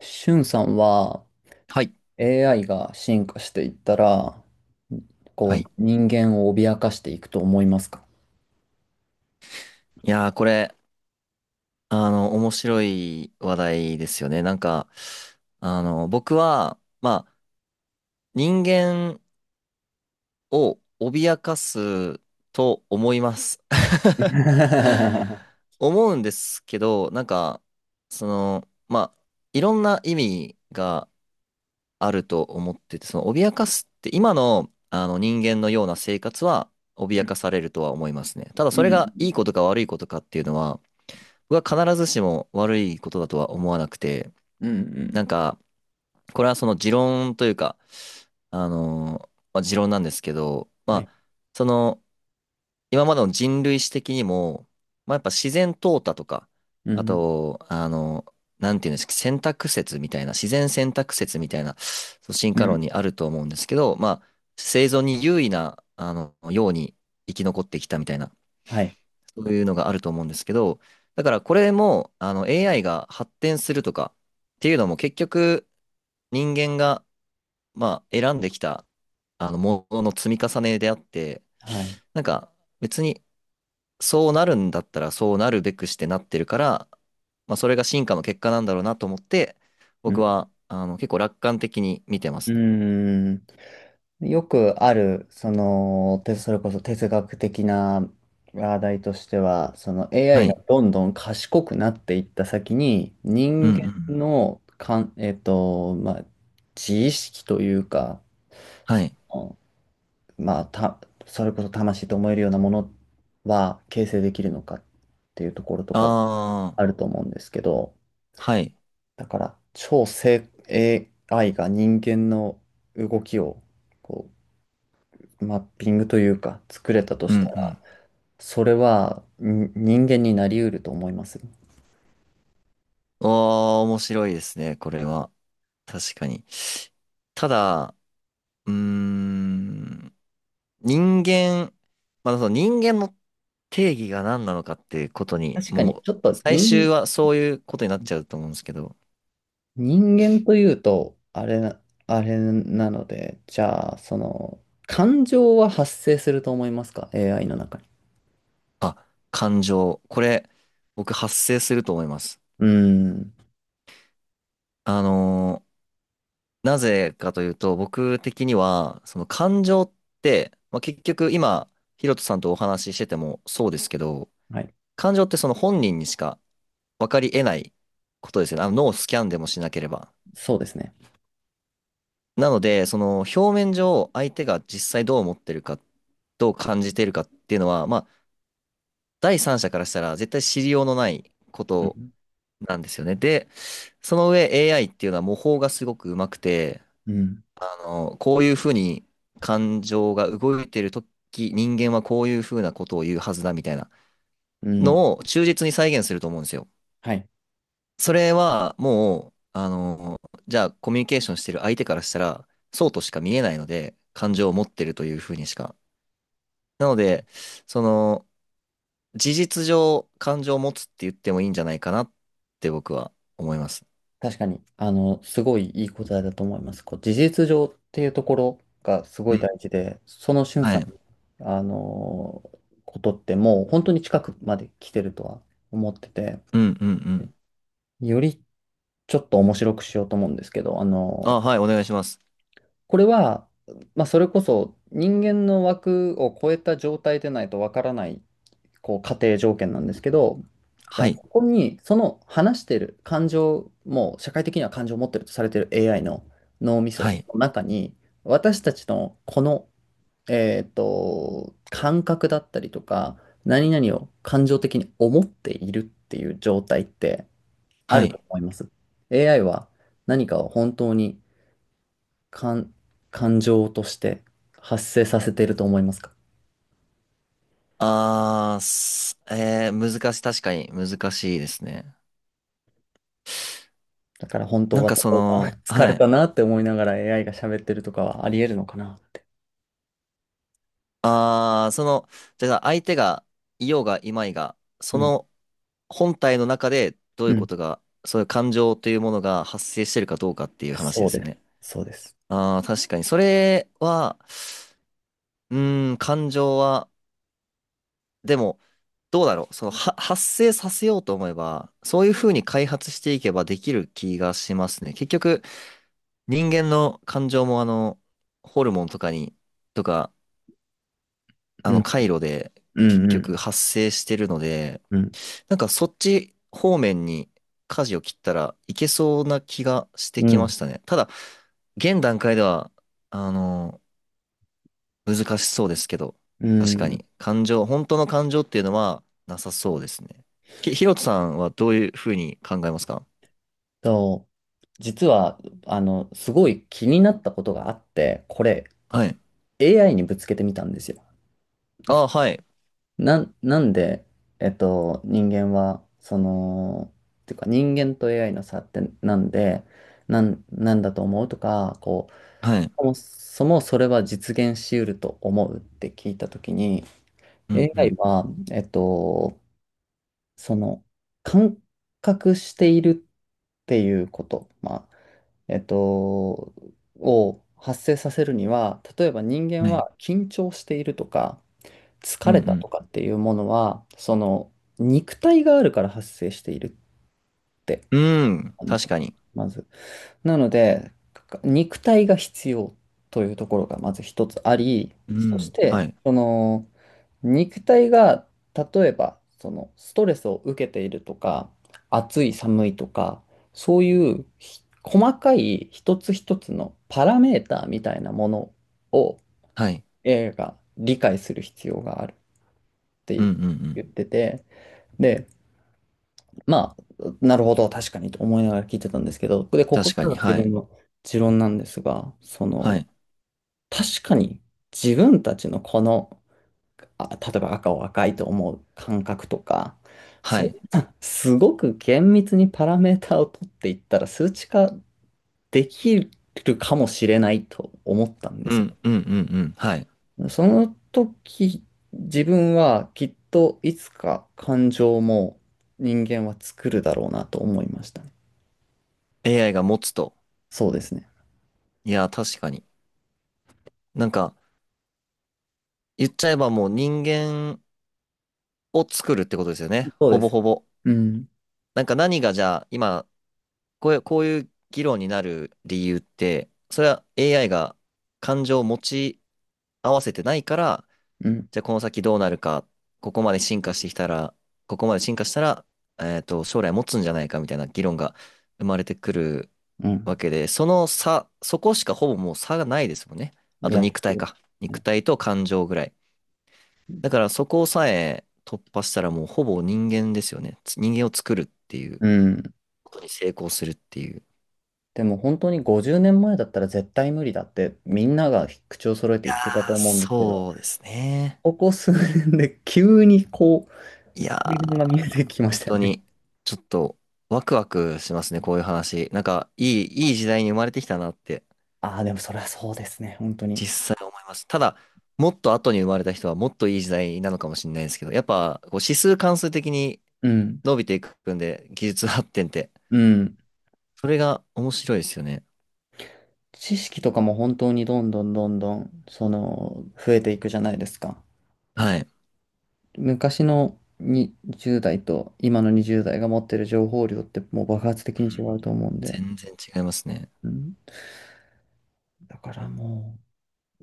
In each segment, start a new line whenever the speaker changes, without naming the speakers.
しゅんさんは
はい。
AI が進化していったら、こ
は
う
い。
人間を脅かしていくと思いますか？
いやー、これ、あの、面白い話題ですよね。僕は、人間を脅かすと思います。
う ん。
思うんですけど、その、まあ、いろんな意味があると思ってて、脅かすって、今の、あの、人間のような生活は、脅かされるとは思いますね。ただ、そ
う
れ
ん、
がいいことか悪いことかっていうのは、必ずしも悪いことだとは思わなくて、
うん、うん、うん。
なんか、これはその持論というか、持論なんですけど、
はい。
その、今までの人類史的にも、まあ、やっぱ自然淘汰とか、
う
あ
ん、
と、あのーなんていうんですか、選択説みたいな、自然選択説みたいな、そう進
う
化
ん。
論にあると思うんですけど、まあ、生存に優位な、ように生き残ってきたみたいな
はい。
そういうのがあると思うんですけど、だからこれも、AI が発展するとかっていうのも結局、人間が、まあ、選んできた、ものの積み重ねであって、
はい。
なんか、別に、そうなるんだったら、そうなるべくしてなってるから、まあ、それが進化の結果なんだろうなと思って、
う
僕
ん、
は、結構楽観的に見てま
う
すね。
ん。よくある、それこそ哲学的な話題としては、その
は
AI が
い。
どんどん賢くなっていった先に、
うんう
人
んう
間
ん。
のかん、えっと、まあ、自意識というか、
は
そ
い。
の、まあ、それこそ魂と思えるようなものは形成できるのかっていうところと
あ
かあ
あ、
ると思うんですけど、
はい。
だから超正 AI が人間の動きをこマッピングというか作れたと
う
し
んう
たら、
ん。
それはに人間になり得ると思います。
おー、面白いですね、これは。確かに。ただ、うーん、人間、まあ、その人間の定義が何なのかっていうことに、
確かに、
も
ちょ
う、
っと
最終
人、
はそういうことになっちゃうと思うんですけど、
人間というと、あれなので、じゃあ、感情は発生すると思いますか ?AI の中に。
あ、感情。これ、僕発生すると思います。
うーん。
あのーなぜかというと、僕的には、その感情って、まあ、結局今、ヒロトさんとお話ししててもそうですけど、
はい。
感情ってその本人にしか分かり得ないことですよね。あの脳をスキャンでもしなければ。
そうですね。
なので、その表面上、相手が実際どう思ってるか、どう感じてるかっていうのは、まあ、第三者からしたら絶対知りようのないこ
う
と
ん。
なんですよね。で、その上 AI っていうのは模倣がすごくうまくて、
うん。
こういうふうに感情が動いてるとき、人間はこういうふうなことを言うはずだみたいな
うん。
のを忠実に再現すると思うんですよ。
はい。
それはもう、じゃあコミュニケーションしてる相手からしたら、そうとしか見えないので、感情を持ってるというふうにしかなので、その、事実上、感情を持つって言ってもいいんじゃないかなって僕は思います。
確かに、すごいいい答えだと思います。こう、事実上っていうところがすご
う
い
ん。
大事で、その俊
は
さん
い。
の、あの、ことってもう本当に近くまで来てるとは思ってて、
うんうんうん。
よりちょっと面白くしようと思うんですけど、
あ、はい、お願いします。
これは、まあ、それこそ人間の枠を超えた状態でないとわからないこう、仮定条件なんですけど、じゃ
は
あ、
い。
ここに、その話してる感情、もう社会的には感情を持ってるとされてる AI の脳みそ
はい。
の中に、私たちのこの、感覚だったりとか、何々を感情的に思っているっていう状態ってあ
は
る
い。
と思います。AI は何かを本当に感、感情として発生させていると思いますか？
あー、すえー、難しい、確かに難しいですね。
だから本当は例えば 疲
は
れた
い。
なって思いながら AI が喋ってるとかはあり得るのかなって。
あー、その、だから相手がいようがいまいが、
う
そ
ん。
の本体の中でどうい
う
うこ
ん。
とが、そういう感情というものが発生してるかどうかっていう話
そ
で
う
すよ
です。
ね。
そうです。
ああ、確かに。それは、うーん、感情は、でも、どうだろう。発生させようと思えば、そういうふうに開発していけばできる気がしますね。結局、人間の感情も、ホルモンとかに、とか、あ
う
の、
ん。
回路で、
う
結
ん。うん。
局発生してるので、
うん。
なんかそっち方面に舵を切ったらいけそうな気がして
う
きま
ん。
したね。ただ、現段階では、あの難しそうですけど、
う
確か
ん。
に、本当の感情っていうのはなさそうですね。ひろとさんはどういうふうに考えますか？
と、実は、すごい気になったことがあって、これ
はい。
AI にぶつけてみたんですよ。
あ、はい。
なん、なんで、人間は、っていうか人間と AI の差ってなんで、なんだと思うとか、こ
はい。
う、そもそもそれは実現し得ると思うって聞いたときに、
うんう
AI
ん。
は、えっと、その、感覚しているっていうこと、まあ、えっと、を発生させるには、例えば人間
はい。
は緊張しているとか、疲
う
れたと
ん
かっていうものは、その、肉体があるから発生しているって、
うん。うん、
なんです
確
よ
か
ね、
に。
まず。なので、肉体が必要というところがまず一つあり、
う
そし
ん、
て、
はい。
その肉体が例えばそのストレスを受けているとか、暑い寒いとか、そういう細かい一つ一つのパラメーターみたいなものを
はい。
AI が理解する必要があるっ
う
て
んうんうん。
言ってて、で、まあ、なるほど、確かにと思いながら聞いてたんですけど、で、ここ
確か
から
に、
が自
は
分
い。
の持論なんですが、そ
は
の、
い。
確かに自分たちのこの、あ、例えば赤を赤いと思う感覚とか、
は
そん
い。
な、すごく厳密にパラメータを取っていったら数値化できるかもしれないと思ったんで
う
す
んうんうんうん。はい。
よ。その時、自分はきっといつか感情も人間は作るだろうなと思いましたね。
AI が持つと。
そうですね。
いや、確かに。なんか、言っちゃえばもう人間を作るってことですよね。
そう
ほ
で
ぼ
す。
ほぼ。
うん、
なんか何がじゃあ、今、こういう、こういう議論になる理由って、それは AI が感情を持ち合わせてないから、
うん、
じゃあこの先どうなるか、ここまで進化してきたら、ここまで進化したら、えっと、将来持つんじゃないかみたいな議論が生まれてくる
うん。
わけで、その差、そこしかほぼもう差がないですもんね。あ
い
と
や、
肉体
そ
か。
う
肉
ね。
体と感情ぐらい。だからそこさえ突破したらもうほぼ人間ですよね。人間を作るっていう
うん。
ことに成功するっていう。
でも本当に50年前だったら絶対無理だってみんなが口を揃え
い
て
やー、
言ってたと思うんですけど、
そうですね。
ここ数年で急にこう、
いや
対岸が見
ー、
えてきまし
本
たよ
当
ね。
に、ちょっと、ワクワクしますね、こういう話。いい時代に生まれてきたなって、
ああ、でもそれはそうですね、本当に。
実際思います。ただ、もっと後に生まれた人は、もっといい時代なのかもしれないですけど、やっぱ、こう指数関数的に
うん、
伸びていくんで、技術発展って、
うん。
それが面白いですよね。
知識とかも本当にどんどんどんどん、その、増えていくじゃないですか。
はい。うん、
昔のに0代と今の20代が持ってる情報量ってもう爆発的に違うと思うんで。
全然違いますね。
うん。だからも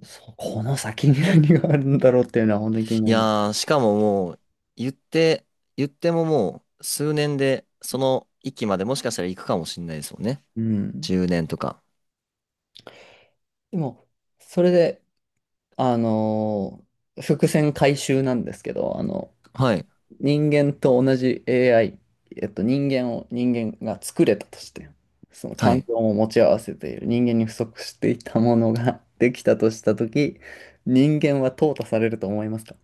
う、そうこの先に何があるんだろうっていうのは本当に気に
い
なるの。
やー、しかももう、言って、言ってももう、数年で、その域までもしかしたら行くかもしれないですもんね。
うん。
10年とか。
でも、それで、あのー伏線回収なんですけど、
はい。
人間と同じ AI、人間を人間が作れたとして、その
は
環
い。
境を持ち合わせている人間に不足していたものが できたとしたとき、人間は淘汰されると思いますか？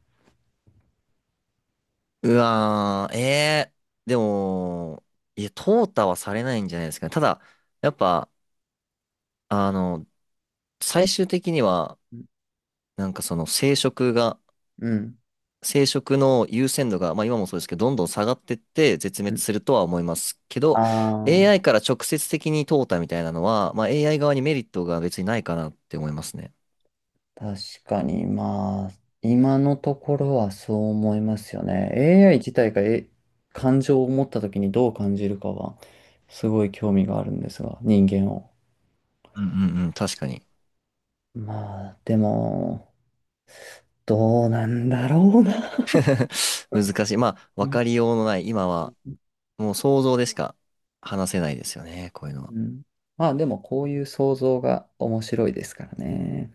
うわー、えー、でも、いや、淘汰はされないんじゃないですかね。ただ、やっぱ、あの、最終的には、その生殖が、
うん。
生殖の優先度が、まあ、今もそうですけど、どんどん下がってって絶
う
滅
ん。
するとは思いますけ
あ
ど、
あー。
AI から直接的に淘汰みたいなのは、まあ、AI 側にメリットが別にないかなって思いますね。
確かに、まあ、今のところはそう思いますよね。AI 自体が、感情を持った時にどう感じるかは、すごい興味があるんですが、人間を。
うんうんうん、確かに。
まあ、でも、どうなんだろうな。
難しい。まあ、
う
わ
ん。
かりようのない、今
う
は
ん、
もう想像でしか話せないですよね、こういうのは。
うん。まあ、でも、こういう想像が面白いですからね。